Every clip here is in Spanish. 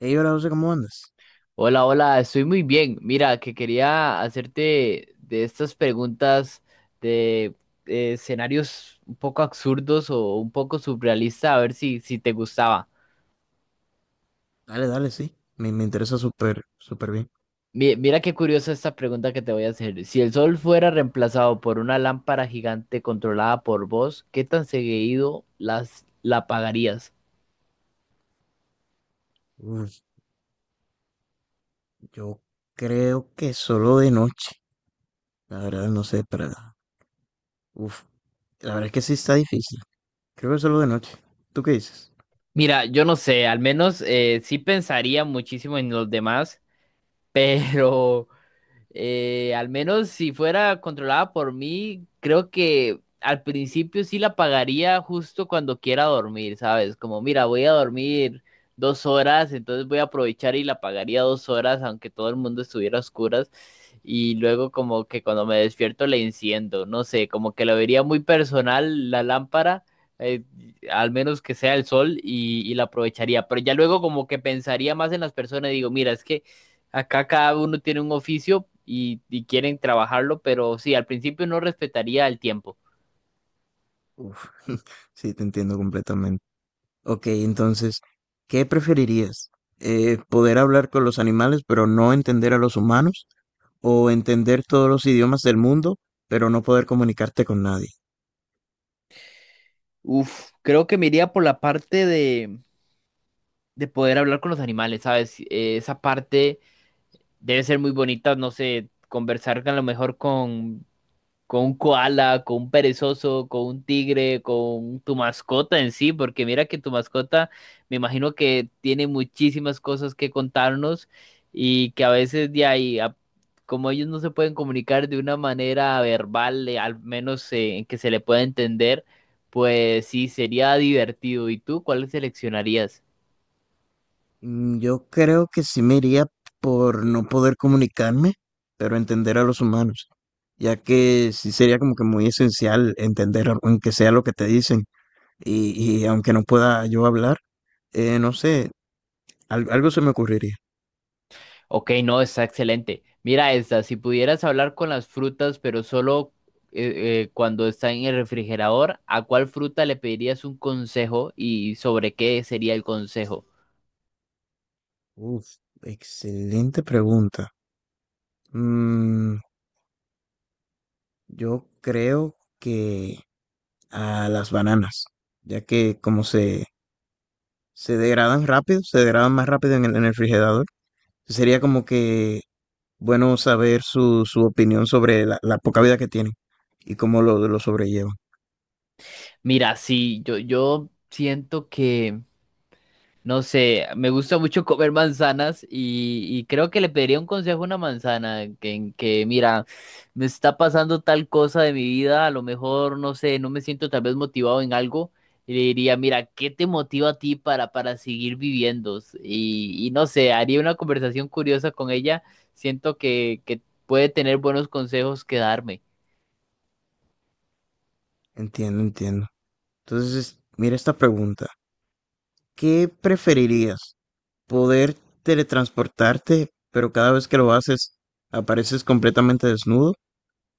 Ey, hola José, ¿cómo andas? Hola, hola, estoy muy bien. Mira, que quería hacerte de estas preguntas de escenarios un poco absurdos o un poco surrealistas, a ver si, si te gustaba. Dale, dale, sí. Me interesa súper, súper bien. Mira qué curiosa esta pregunta que te voy a hacer. Si el sol fuera reemplazado por una lámpara gigante controlada por vos, ¿qué tan seguido la apagarías? Uf, yo creo que solo de noche. La verdad, no sé, pero... Uf, la verdad es que sí está difícil. Creo que solo de noche. ¿Tú qué dices? Mira, yo no sé, al menos sí pensaría muchísimo en los demás, pero... Al menos si fuera controlada por mí, creo que al principio sí la pagaría justo cuando quiera dormir, ¿sabes? Como, mira, voy a dormir 2 horas, entonces voy a aprovechar y la pagaría 2 horas, aunque todo el mundo estuviera a oscuras. Y luego como que cuando me despierto le enciendo, no sé, como que lo vería muy personal la lámpara, eh, al menos que sea el sol y la aprovecharía. Pero ya luego como que pensaría más en las personas y digo, mira, es que acá cada uno tiene un oficio y quieren trabajarlo, pero sí, al principio no respetaría el tiempo. Uf, sí, te entiendo completamente. Ok, entonces, ¿qué preferirías? ¿poder hablar con los animales, pero no entender a los humanos? ¿O entender todos los idiomas del mundo, pero no poder comunicarte con nadie? Uf, creo que me iría por la parte de poder hablar con los animales, ¿sabes? Esa parte debe ser muy bonita, no sé, conversar a lo mejor con un koala, con un perezoso, con un tigre, con tu mascota en sí, porque mira que tu mascota me imagino que tiene muchísimas cosas que contarnos y que a veces de ahí, como ellos no se pueden comunicar de una manera verbal, al menos en que se le pueda entender, pues sí, sería divertido. ¿Y tú cuál seleccionarías? Mm, yo creo que sí me iría por no poder comunicarme, pero entender a los humanos, ya que sí sería como que muy esencial entender, aunque sea lo que te dicen, y aunque no pueda yo hablar, no sé, algo se me ocurriría. Ok, no, está excelente. Mira esta, si pudieras hablar con las frutas, pero solo cuando está en el refrigerador, ¿a cuál fruta le pedirías un consejo y sobre qué sería el consejo? Uf, excelente pregunta. Mm, yo creo que a las bananas, ya que se degradan rápido, se degradan más rápido en en el refrigerador, sería como que bueno saber su opinión sobre la poca vida que tienen y cómo lo sobrellevan. Mira, sí, yo siento que... No sé, me gusta mucho comer manzanas y creo que le pediría un consejo a una manzana que, en que, mira, me está pasando tal cosa de mi vida, a lo mejor, no sé, no me siento tal vez motivado en algo y le diría, mira, ¿qué te motiva a ti para seguir viviendo? Y no sé, haría una conversación curiosa con ella, siento que puede tener buenos consejos que darme. Entiendo, entiendo. Entonces, mira esta pregunta. ¿Qué preferirías? ¿Poder teletransportarte, pero cada vez que lo haces apareces completamente desnudo?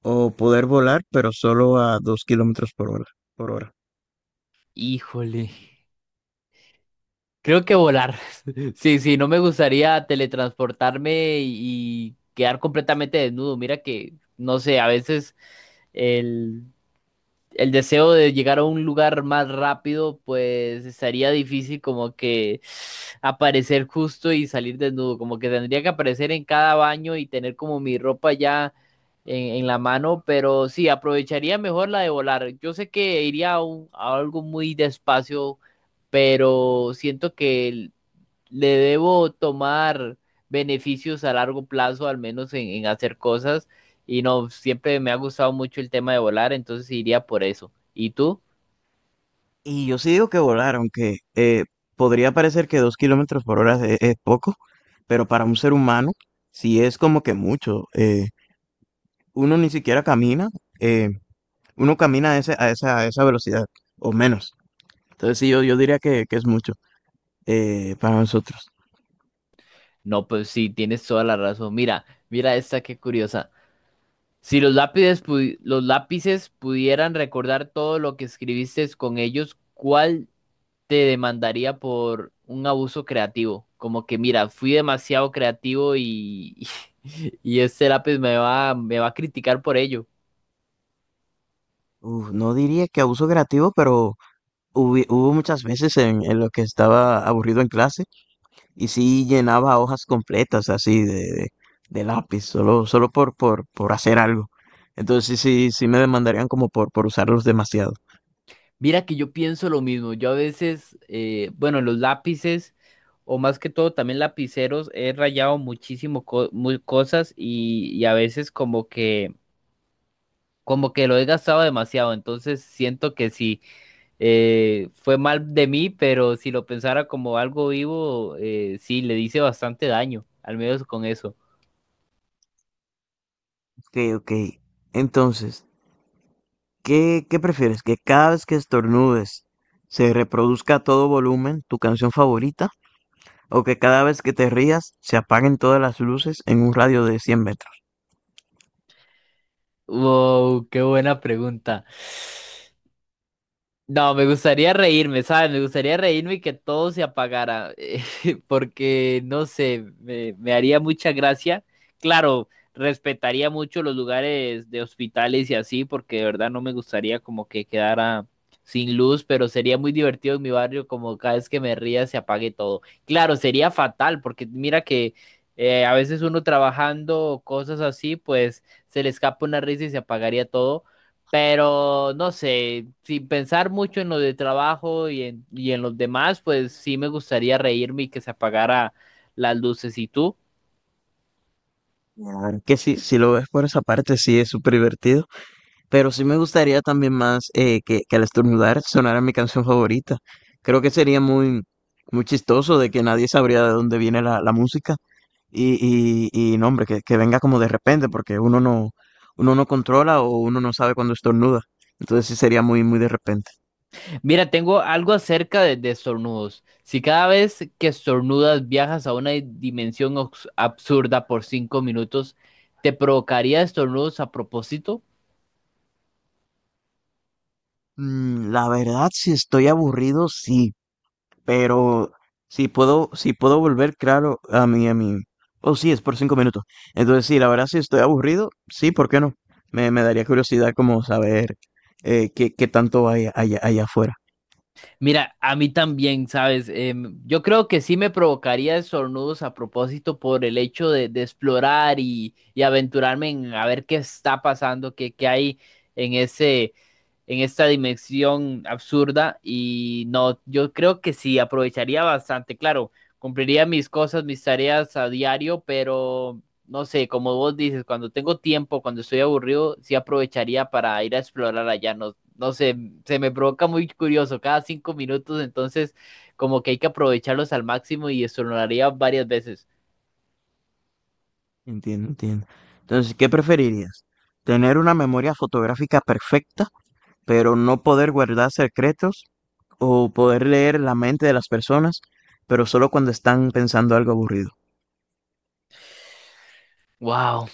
¿O poder volar, pero solo a dos kilómetros por hora? Híjole. Creo que volar. Sí, sí, no me gustaría teletransportarme y quedar completamente desnudo. Mira que, no sé, a veces el, el deseo de llegar a un lugar más rápido, pues estaría difícil como que aparecer justo y salir desnudo. Como que tendría que aparecer en cada baño y tener como mi ropa ya en la mano, pero sí, aprovecharía mejor la de volar. Yo sé que iría a, a algo muy despacio pero siento que le debo tomar beneficios a largo plazo, al menos en hacer cosas. Y no, siempre me ha gustado mucho el tema de volar, entonces iría por eso. ¿Y tú? Y yo sí digo que volar, aunque podría parecer que dos kilómetros por hora es poco, pero para un ser humano sí es como que mucho. Uno ni siquiera camina, eh, uno camina a, a esa velocidad o menos. Entonces sí, yo diría que es mucho para nosotros. No, pues sí, tienes toda la razón. Mira, mira esta, qué curiosa. Si los lápices, los lápices pudieran recordar todo lo que escribiste con ellos, ¿cuál te demandaría por un abuso creativo? Como que, mira, fui demasiado creativo y, y este lápiz me va a criticar por ello. Uf, no diría que abuso creativo, pero hubo muchas veces en lo que estaba aburrido en clase y sí llenaba hojas completas así de lápiz, solo por hacer algo. Entonces sí, sí me demandarían como por usarlos demasiado. Mira que yo pienso lo mismo. Yo a veces, bueno, los lápices, o más que todo también lapiceros, he rayado muchísimo muy cosas y a veces como como que lo he gastado demasiado. Entonces siento que sí, fue mal de mí, pero si lo pensara como algo vivo, sí, le hice bastante daño, al menos con eso. Ok, ok. Entonces, qué prefieres? ¿Que cada vez que estornudes se reproduzca a todo volumen tu canción favorita? ¿O que cada vez que te rías se apaguen todas las luces en un radio de 100 metros? Wow, qué buena pregunta. No, me gustaría reírme, ¿sabes? Me gustaría reírme y que todo se apagara, porque no sé, me haría mucha gracia. Claro, respetaría mucho los lugares de hospitales y así, porque de verdad no me gustaría como que quedara sin luz, pero sería muy divertido en mi barrio como cada vez que me ría se apague todo. Claro, sería fatal, porque mira que a veces uno trabajando o cosas así, pues se le escapa una risa y se apagaría todo, pero no sé, sin pensar mucho en lo de trabajo y en los demás, pues sí me gustaría reírme y que se apagara las luces. ¿Y tú? La verdad que sí, si lo ves por esa parte, sí es súper divertido. Pero sí me gustaría también más que al estornudar sonara mi canción favorita. Creo que sería muy, muy chistoso de que nadie sabría de dónde viene la música. Y no, hombre, que venga como de repente, porque uno no controla o uno no sabe cuándo estornuda. Entonces sí sería muy, muy de repente. Mira, tengo algo acerca de estornudos. Si cada vez que estornudas viajas a una dimensión absurda por 5 minutos, ¿te provocaría estornudos a propósito? Mm, la verdad, si estoy aburrido, sí. Pero si puedo volver, claro, a mí oh, sí, es por cinco minutos. Entonces, sí, la verdad, si estoy aburrido, sí, ¿por qué no? Me daría curiosidad como saber qué, qué tanto hay allá, allá afuera. Mira, a mí también, ¿sabes? Yo creo que sí me provocaría estornudos a propósito por el hecho de explorar y aventurarme en a ver qué está pasando, qué hay en en esta dimensión absurda. Y no, yo creo que sí, aprovecharía bastante. Claro, cumpliría mis cosas, mis tareas a diario, pero no sé, como vos dices, cuando tengo tiempo, cuando estoy aburrido, sí aprovecharía para ir a explorar allá. No no sé, se me provoca muy curioso cada 5 minutos, entonces como que hay que aprovecharlos al máximo y eso lo haría varias veces. Entiendo, entiendo. Entonces, ¿qué preferirías? ¿Tener una memoria fotográfica perfecta pero no poder guardar secretos o poder leer la mente de las personas, pero solo cuando están pensando algo aburrido? Wow,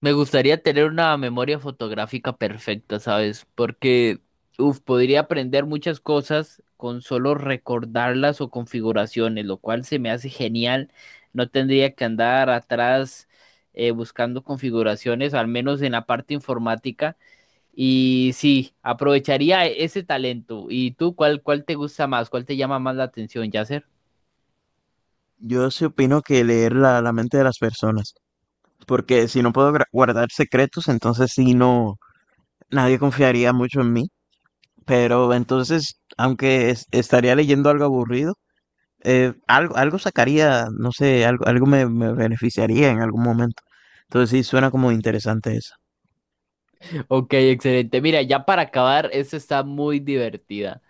me gustaría tener una memoria fotográfica perfecta, ¿sabes? Porque, uf, podría aprender muchas cosas con solo recordarlas o configuraciones, lo cual se me hace genial. No tendría que andar atrás buscando configuraciones, al menos en la parte informática. Y sí, aprovecharía ese talento. ¿Y tú cuál, cuál te gusta más? ¿Cuál te llama más la atención, Yasser? Yo sí opino que leer la mente de las personas, porque si no puedo guardar secretos, entonces sí no, nadie confiaría mucho en mí, pero entonces, aunque estaría leyendo algo aburrido, algo sacaría, no sé, algo me beneficiaría en algún momento. Entonces sí suena como interesante eso. Ok, excelente. Mira, ya para acabar, esto está muy divertida.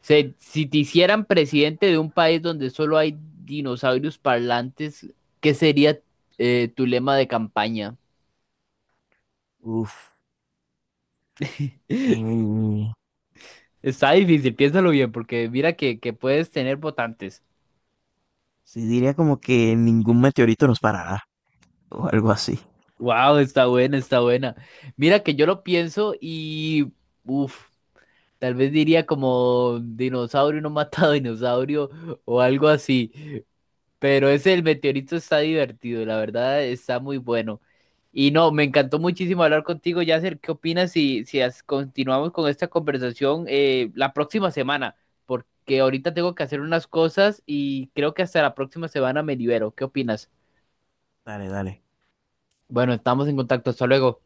Si te hicieran presidente de un país donde solo hay dinosaurios parlantes, ¿qué sería tu lema de campaña? Uf. eh, Está difícil, piénsalo bien, porque mira que puedes tener votantes. Sí, diría como que ningún meteorito nos parará o algo así. Wow, está buena, está buena. Mira que yo lo pienso y... Uf. Tal vez diría como dinosaurio no matado dinosaurio o algo así. Pero ese del meteorito está divertido, la verdad está muy bueno. Y no, me encantó muchísimo hablar contigo, Yasser. ¿Qué opinas si, si continuamos con esta conversación la próxima semana? Porque ahorita tengo que hacer unas cosas y creo que hasta la próxima semana me libero. ¿Qué opinas? Dale, dale. Bueno, estamos en contacto. Hasta luego.